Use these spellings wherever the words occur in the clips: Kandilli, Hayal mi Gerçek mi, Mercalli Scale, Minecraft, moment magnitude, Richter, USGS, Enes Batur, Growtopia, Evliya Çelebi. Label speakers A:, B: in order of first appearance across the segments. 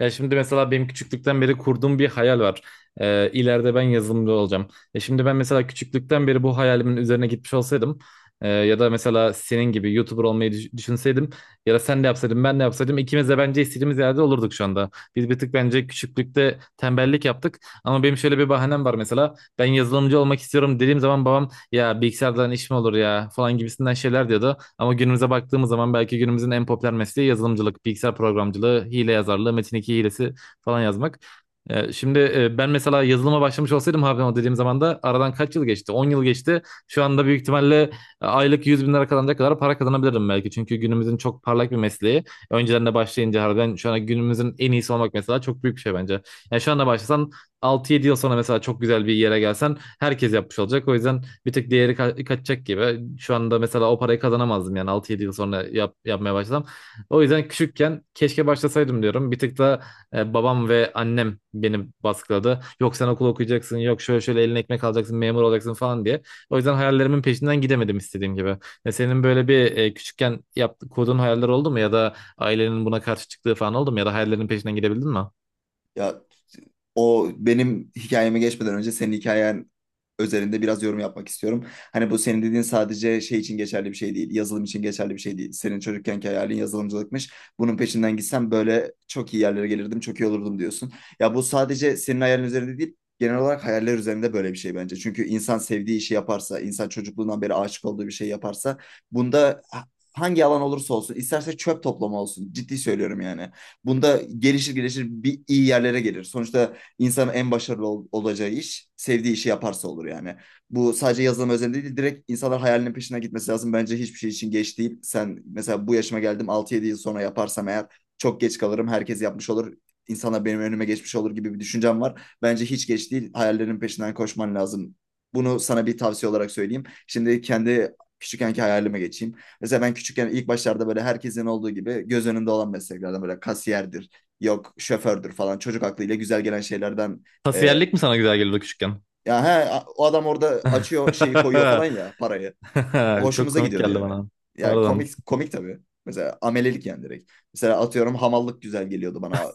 A: Ya şimdi mesela benim küçüklükten beri kurduğum bir hayal var. İleride ben yazılımcı olacağım. Ya şimdi ben mesela küçüklükten beri bu hayalimin üzerine gitmiş olsaydım ya da mesela senin gibi YouTuber olmayı düşünseydim ya da sen de yapsaydın ben de yapsaydım ikimiz de bence istediğimiz yerde olurduk şu anda. Biz bir tık bence küçüklükte tembellik yaptık, ama benim şöyle bir bahanem var. Mesela ben yazılımcı olmak istiyorum dediğim zaman babam, ya bilgisayardan iş mi olur ya falan gibisinden şeyler diyordu. Ama günümüze baktığımız zaman belki günümüzün en popüler mesleği yazılımcılık, bilgisayar programcılığı, hile yazarlığı, metin iki hilesi falan yazmak. Şimdi ben mesela yazılıma başlamış olsaydım abi, o dediğim zaman da aradan kaç yıl geçti? 10 yıl geçti. Şu anda büyük ihtimalle aylık 100 bin lira kazanacak kadar para kazanabilirdim belki. Çünkü günümüzün çok parlak bir mesleği. Öncelerine başlayınca harbiden şu anda günümüzün en iyisi olmak mesela çok büyük bir şey bence. Yani şu anda başlasan, altı yedi yıl sonra mesela çok güzel bir yere gelsen herkes yapmış olacak. O yüzden bir tık değeri kaçacak gibi. Şu anda mesela o parayı kazanamazdım yani, altı yedi yıl sonra yapmaya başlasam. O yüzden küçükken keşke başlasaydım diyorum. Bir tık da babam ve annem beni baskıladı. Yok sen okul okuyacaksın, yok şöyle şöyle eline ekmek alacaksın, memur olacaksın falan diye. O yüzden hayallerimin peşinden gidemedim istediğim gibi. Senin böyle bir küçükken kurduğun hayaller oldu mu, ya da ailenin buna karşı çıktığı falan oldu mu, ya da hayallerinin peşinden gidebildin mi?
B: Ya o benim hikayeme geçmeden önce senin hikayen özelinde biraz yorum yapmak istiyorum. Hani bu senin dediğin sadece şey için geçerli bir şey değil. Yazılım için geçerli bir şey değil. Senin çocukkenki hayalin yazılımcılıkmış. Bunun peşinden gitsem böyle çok iyi yerlere gelirdim, çok iyi olurdum diyorsun. Ya bu sadece senin hayalin üzerinde değil, genel olarak hayaller üzerinde böyle bir şey bence. Çünkü insan sevdiği işi yaparsa, insan çocukluğundan beri aşık olduğu bir şey yaparsa, bunda hangi alan olursa olsun, isterse çöp toplama olsun. Ciddi söylüyorum yani. Bunda gelişir gelişir bir iyi yerlere gelir. Sonuçta insanın en başarılı olacağı iş sevdiği işi yaparsa olur yani. Bu sadece yazılım özelinde değil direkt insanlar hayalinin peşine gitmesi lazım. Bence hiçbir şey için geç değil. Sen mesela bu yaşıma geldim altı yedi yıl sonra yaparsam eğer çok geç kalırım. Herkes yapmış olur. İnsanlar benim önüme geçmiş olur gibi bir düşüncem var. Bence hiç geç değil. Hayallerin peşinden koşman lazım. Bunu sana bir tavsiye olarak söyleyeyim. Şimdi kendi küçükkenki hayalime geçeyim. Mesela ben küçükken ilk başlarda böyle herkesin olduğu gibi göz önünde olan mesleklerden böyle kasiyerdir, yok şofördür falan çocuk aklıyla güzel gelen şeylerden e,
A: Tasiyerlik mi sana güzel geliyordu küçükken?
B: ya he, o adam orada açıyor şeyi koyuyor falan ya parayı.
A: Çok
B: Hoşumuza
A: komik
B: gidiyordu
A: geldi
B: yani.
A: bana.
B: Yani
A: Pardon.
B: komik komik tabii. Mesela amelelik yani direkt. Mesela atıyorum hamallık güzel geliyordu bana.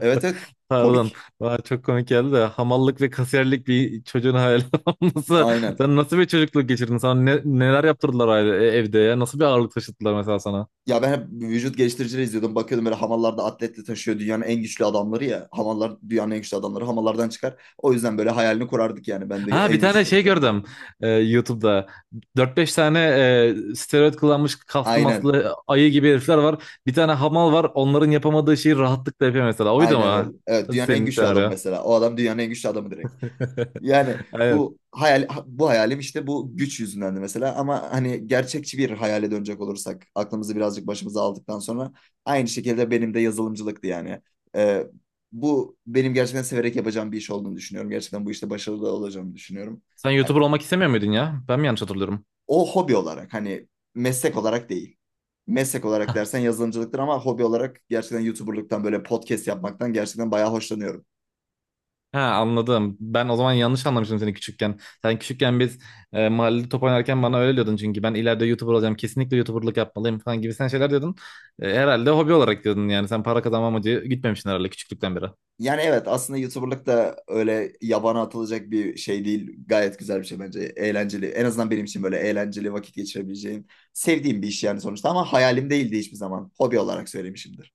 B: Evet evet,
A: Pardon.
B: komik.
A: Bana çok komik geldi de, hamallık ve kasiyerlik bir çocuğun hayal olması.
B: Aynen.
A: Sen nasıl bir çocukluk geçirdin? Sana neler yaptırdılar aile, evde ya? Nasıl bir ağırlık taşıttılar mesela sana?
B: Ya ben hep vücut geliştiricileri izliyordum. Bakıyordum böyle hamallarda atletle taşıyor dünyanın en güçlü adamları ya. Hamallar dünyanın en güçlü adamları hamallardan çıkar. O yüzden böyle hayalini kurardık yani ben de
A: Ha, bir
B: en
A: tane
B: güçlü
A: şey
B: olacağım diye.
A: gördüm YouTube'da. Dört beş tane steroid kullanmış, kaslı
B: Aynen.
A: maslı ayı gibi herifler var. Bir tane hamal var. Onların yapamadığı şeyi rahatlıkla yapıyor mesela. Oydu
B: Aynen öyle.
A: mu?
B: Evet, dünyanın en
A: Senin
B: güçlü adamı
A: senaryo.
B: mesela. O adam dünyanın en güçlü adamı direkt. Yani
A: Aynen.
B: bu hayal bu hayalim işte bu güç yüzündendi mesela ama hani gerçekçi bir hayale dönecek olursak aklımızı birazcık başımıza aldıktan sonra aynı şekilde benim de yazılımcılıktı yani. Ee, bu benim gerçekten severek yapacağım bir iş olduğunu düşünüyorum. Gerçekten bu işte başarılı olacağımı düşünüyorum.
A: Sen
B: Yani
A: YouTuber olmak istemiyor muydun ya? Ben mi yanlış hatırlıyorum?
B: o hobi olarak hani meslek olarak değil. Meslek olarak dersen yazılımcılıktır ama hobi olarak gerçekten YouTuber'lıktan böyle podcast yapmaktan gerçekten bayağı hoşlanıyorum.
A: Ha, anladım. Ben o zaman yanlış anlamıştım seni küçükken. Sen küçükken biz mahallede top oynarken bana öyle diyordun, çünkü ben ileride YouTuber olacağım, kesinlikle YouTuber'lık yapmalıyım falan gibi sen şeyler diyordun. Herhalde hobi olarak diyordun yani. Sen para kazanma amacı gitmemişsin herhalde küçüklükten beri.
B: Yani evet, aslında YouTuber'lık da öyle yabana atılacak bir şey değil. Gayet güzel bir şey bence. Eğlenceli. En azından benim için böyle eğlenceli vakit geçirebileceğim sevdiğim bir iş yani sonuçta, ama hayalim değildi hiçbir zaman. Hobi olarak söylemişimdir.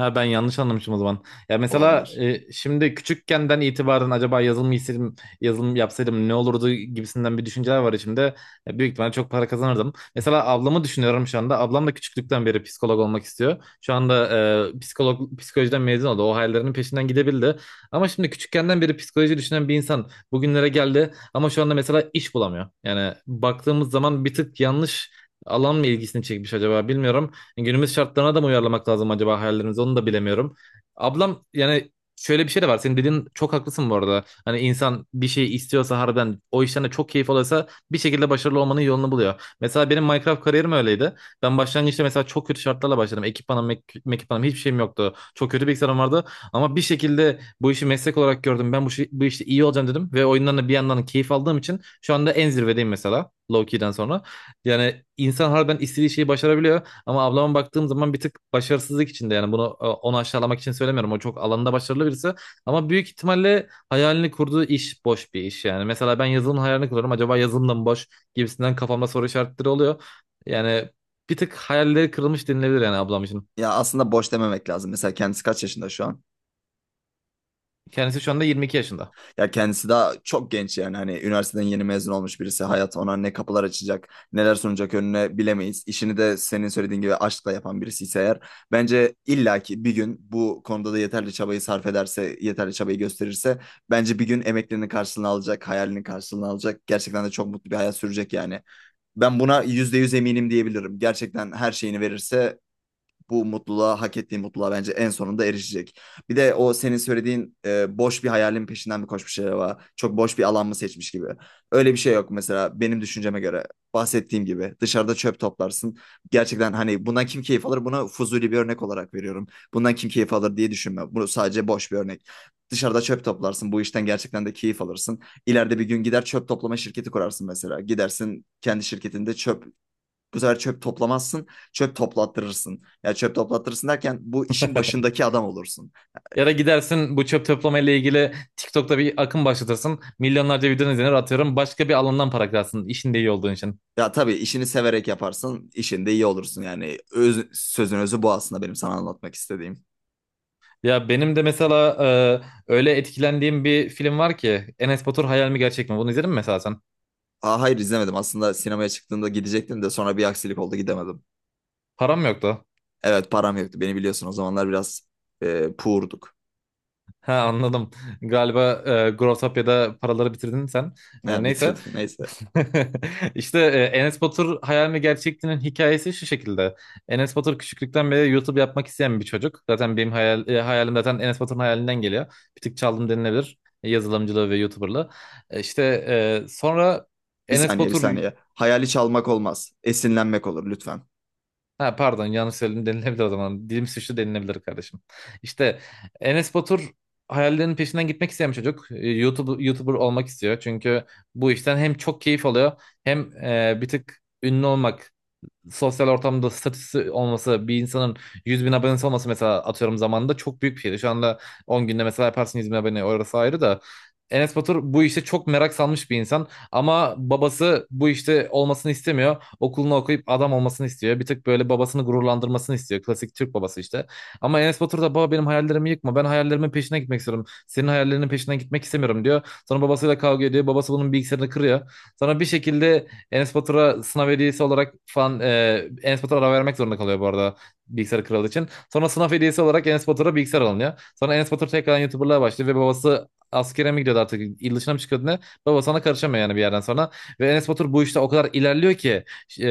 A: Ha, ben yanlış anlamışım o zaman. Ya mesela
B: Olabilir.
A: şimdi küçükkenden itibaren, acaba yazılım isteseydim, yazılım yapsaydım ne olurdu gibisinden bir düşünceler var içimde. Büyük ihtimalle çok para kazanırdım. Mesela ablamı düşünüyorum şu anda. Ablam da küçüklükten beri psikolog olmak istiyor. Şu anda psikolojiden mezun oldu. O hayallerinin peşinden gidebildi. Ama şimdi küçükkenden beri psikoloji düşünen bir insan bugünlere geldi, ama şu anda mesela iş bulamıyor. Yani baktığımız zaman bir tık yanlış alan mı ilgisini çekmiş acaba, bilmiyorum. Günümüz şartlarına da mı uyarlamak lazım acaba hayallerimizi, onu da bilemiyorum. Ablam yani şöyle bir şey de var. Senin dediğin çok haklısın bu arada. Hani insan bir şey istiyorsa, harbiden o işten de çok keyif alıyorsa, bir şekilde başarılı olmanın yolunu buluyor. Mesela benim Minecraft kariyerim öyleydi. Ben başlangıçta mesela çok kötü şartlarla başladım. Ekipmanım, ekipmanım, hiçbir şeyim yoktu. Çok kötü bilgisayarım vardı. Ama bir şekilde bu işi meslek olarak gördüm. Ben bu işte iyi olacağım dedim. Ve oyundan da bir yandan keyif aldığım için şu anda en zirvedeyim mesela. Low-key'den sonra. Yani insan harbiden istediği şeyi başarabiliyor. Ama ablama baktığım zaman bir tık başarısızlık içinde yani, bunu onu aşağılamak için söylemiyorum. O çok alanında başarılı birisi, ama büyük ihtimalle hayalini kurduğu iş boş bir iş yani. Mesela ben yazılımın hayalini kuruyorum. Acaba yazılım da mı boş gibisinden, kafamda soru işaretleri oluyor. Yani bir tık hayalleri kırılmış denilebilir yani ablam için.
B: Ya aslında boş dememek lazım. Mesela kendisi kaç yaşında şu an?
A: Kendisi şu anda 22 yaşında.
B: Ya kendisi daha çok genç yani, hani üniversiteden yeni mezun olmuş birisi, hayat ona ne kapılar açacak, neler sunacak önüne bilemeyiz. İşini de senin söylediğin gibi aşkla yapan birisi ise eğer, bence illaki bir gün bu konuda da yeterli çabayı sarf ederse, yeterli çabayı gösterirse bence bir gün emeklerinin karşılığını alacak, hayalinin karşılığını alacak, gerçekten de çok mutlu bir hayat sürecek yani. Ben buna %100 eminim diyebilirim, gerçekten her şeyini verirse bu mutluluğa, hak ettiği mutluluğa bence en sonunda erişecek. Bir de o senin söylediğin boş bir hayalin peşinden mi koşmuş acaba? Çok boş bir alan mı seçmiş gibi. Öyle bir şey yok mesela benim düşünceme göre. Bahsettiğim gibi dışarıda çöp toplarsın. Gerçekten hani bundan kim keyif alır? Buna fuzuli bir örnek olarak veriyorum. Bundan kim keyif alır diye düşünme. Bu sadece boş bir örnek. Dışarıda çöp toplarsın. Bu işten gerçekten de keyif alırsın. İleride bir gün gider çöp toplama şirketi kurarsın mesela. Gidersin kendi şirketinde çöp, bu sefer çöp toplamazsın, çöp toplattırırsın. Ya çöp toplattırırsın derken bu işin başındaki adam olursun.
A: Ya da gidersin bu çöp toplama ile ilgili TikTok'ta bir akım başlatırsın. Milyonlarca videonun izlenir atıyorum. Başka bir alandan para kırarsın işinde iyi olduğun için.
B: Ya tabii, işini severek yaparsın, işinde iyi olursun. Yani öz, sözün özü bu aslında benim sana anlatmak istediğim.
A: Ya benim de mesela öyle etkilendiğim bir film var ki, Enes Batur Hayal mi Gerçek mi? Bunu izledin mi mesela sen?
B: Aa, hayır izlemedim. Aslında sinemaya çıktığımda gidecektim de sonra bir aksilik oldu, gidemedim.
A: Param yoktu.
B: Evet param yoktu. Beni biliyorsun o zamanlar biraz poor'duk.
A: Ha, anladım. Galiba Growtopia'da paraları bitirdin sen.
B: Ha,
A: Neyse.
B: bitirdim neyse.
A: İşte, Enes Batur Hayal mi Gerçek'tinin hikayesi şu şekilde. Enes Batur küçüklükten beri YouTube yapmak isteyen bir çocuk. Zaten benim hayalim zaten Enes Batur'un hayalinden geliyor. Bir tık çaldım denilebilir. Yazılımcılığı ve YouTuber'lığı. İşte, sonra
B: Bir
A: Enes
B: saniye, bir
A: Batur.
B: saniye. Hayali çalmak olmaz. Esinlenmek olur lütfen.
A: Ha, pardon, yanlış söyledim denilebilir o zaman. Dilim suçlu denilebilir kardeşim. İşte Enes Batur hayallerinin peşinden gitmek isteyen bir çocuk. YouTuber olmak istiyor. Çünkü bu işten hem çok keyif alıyor, hem bir tık ünlü olmak, sosyal ortamda statüsü olması bir insanın. 100 bin abonesi olması mesela, atıyorum zamanında çok büyük bir şeydi. Şu anda 10 günde mesela yaparsın 100 bin abone, orası ayrı da. Enes Batur bu işte çok merak salmış bir insan, ama babası bu işte olmasını istemiyor. Okulunu okuyup adam olmasını istiyor. Bir tık böyle babasını gururlandırmasını istiyor. Klasik Türk babası işte. Ama Enes Batur da, baba benim hayallerimi yıkma, ben hayallerimin peşine gitmek istiyorum, senin hayallerinin peşine gitmek istemiyorum diyor. Sonra babasıyla kavga ediyor. Babası bunun bilgisayarını kırıyor. Sonra bir şekilde Enes Batur'a sınav hediyesi olarak falan, Enes Batur ara vermek zorunda kalıyor bu arada, bilgisayar kralı için. Sonra sınav hediyesi olarak Enes Batur'a bilgisayar alınıyor. Sonra Enes Batur tekrardan YouTuber'lığa başlıyor ve babası askere mi gidiyordu artık, il dışına mı çıkıyordu ne? Babası ona karışamıyor yani bir yerden sonra. Ve Enes Batur bu işte o kadar ilerliyor ki, e,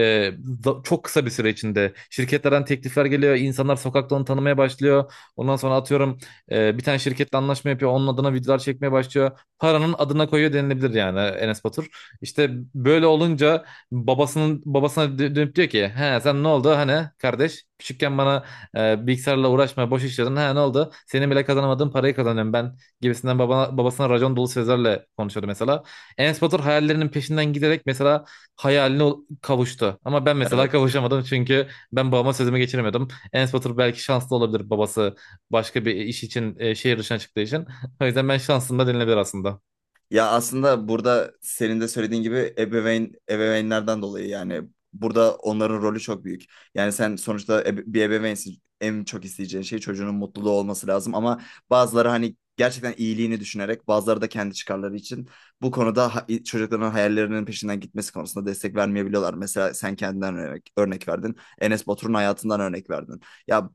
A: çok kısa bir süre içinde şirketlerden teklifler geliyor. İnsanlar sokakta onu tanımaya başlıyor. Ondan sonra atıyorum bir tane şirketle anlaşma yapıyor. Onun adına videolar çekmeye başlıyor. Paranın adına koyuyor denilebilir yani Enes Batur. İşte böyle olunca babasına dönüp diyor ki, he sen ne oldu hani kardeş, küçükken bana bilgisayarla uğraşma boş işledin, he ne oldu, senin bile kazanamadığın parayı kazanıyorum ben gibisinden, babasına racon dolu sözlerle konuşuyordu mesela. Enes Batur hayallerinin peşinden giderek mesela hayaline kavuştu, ama ben mesela
B: Evet.
A: kavuşamadım, çünkü ben babama sözümü geçiremiyordum. Enes Batur belki şanslı olabilir, babası başka bir iş için şehir dışına çıktığı için, o yüzden ben şansım da denilebilir aslında.
B: Ya aslında burada senin de söylediğin gibi ebeveynlerden dolayı yani burada onların rolü çok büyük. Yani sen sonuçta bir ebeveynsin. En çok isteyeceğin şey çocuğunun mutluluğu olması lazım, ama bazıları hani gerçekten iyiliğini düşünerek, bazıları da kendi çıkarları için bu konuda çocukların hayallerinin peşinden gitmesi konusunda destek vermeyebiliyorlar. Mesela sen kendinden örnek verdin. Enes Batur'un hayatından örnek verdin. Ya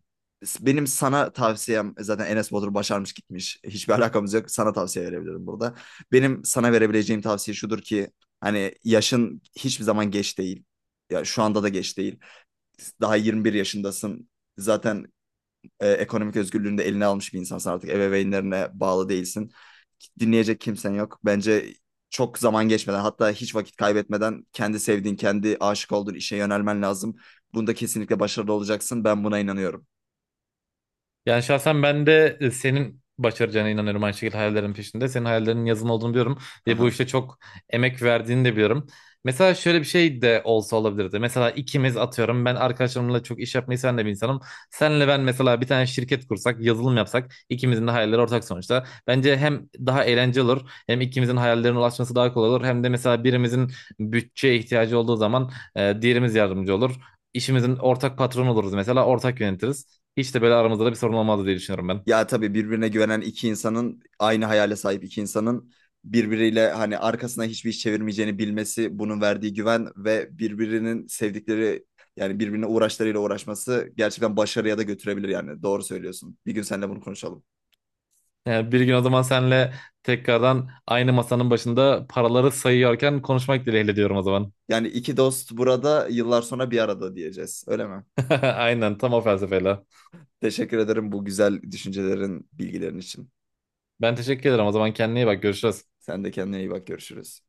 B: benim sana tavsiyem zaten Enes Batur başarmış gitmiş. Hiçbir alakamız yok. Sana tavsiye verebilirim burada. Benim sana verebileceğim tavsiye şudur ki hani yaşın hiçbir zaman geç değil. Ya şu anda da geç değil. Daha 21 yaşındasın. Zaten ekonomik özgürlüğünü de eline almış bir insansın artık. Ebeveynlerine bağlı değilsin. Dinleyecek kimsen yok. Bence çok zaman geçmeden, hatta hiç vakit kaybetmeden kendi sevdiğin, kendi aşık olduğun işe yönelmen lazım. Bunda kesinlikle başarılı olacaksın. Ben buna inanıyorum.
A: Yani şahsen ben de senin başaracağına inanıyorum aynı şekilde, hayallerin peşinde. Senin hayallerinin yazın olduğunu biliyorum ve bu
B: Aha.
A: işte çok emek verdiğini de biliyorum. Mesela şöyle bir şey de olsa olabilirdi. Mesela ikimiz atıyorum, ben arkadaşlarımla çok iş yapmayı sen de bir insanım. Senle ben mesela bir tane şirket kursak, yazılım yapsak, ikimizin de hayalleri ortak sonuçta. Bence hem daha eğlenceli olur, hem ikimizin hayallerine ulaşması daha kolay olur. Hem de mesela birimizin bütçeye ihtiyacı olduğu zaman diğerimiz yardımcı olur. İşimizin ortak patronu oluruz mesela, ortak yönetiriz. Hiç de böyle aramızda da bir sorun olmazdı diye düşünüyorum ben.
B: Ya tabii birbirine güvenen iki insanın, aynı hayale sahip iki insanın birbiriyle hani arkasına hiçbir iş çevirmeyeceğini bilmesi, bunun verdiği güven ve birbirinin sevdikleri yani birbirine uğraşlarıyla uğraşması gerçekten başarıya da götürebilir yani. Doğru söylüyorsun. Bir gün seninle bunu konuşalım.
A: Yani bir gün o zaman senle tekrardan aynı masanın başında paraları sayıyorken konuşmak dileğiyle diyorum o zaman.
B: Yani iki dost burada yıllar sonra bir arada diyeceğiz. Öyle mi?
A: Aynen tam o felsefeyle.
B: Teşekkür ederim bu güzel düşüncelerin, bilgilerin için.
A: Ben teşekkür ederim o zaman, kendine iyi bak, görüşürüz.
B: Sen de kendine iyi bak. Görüşürüz.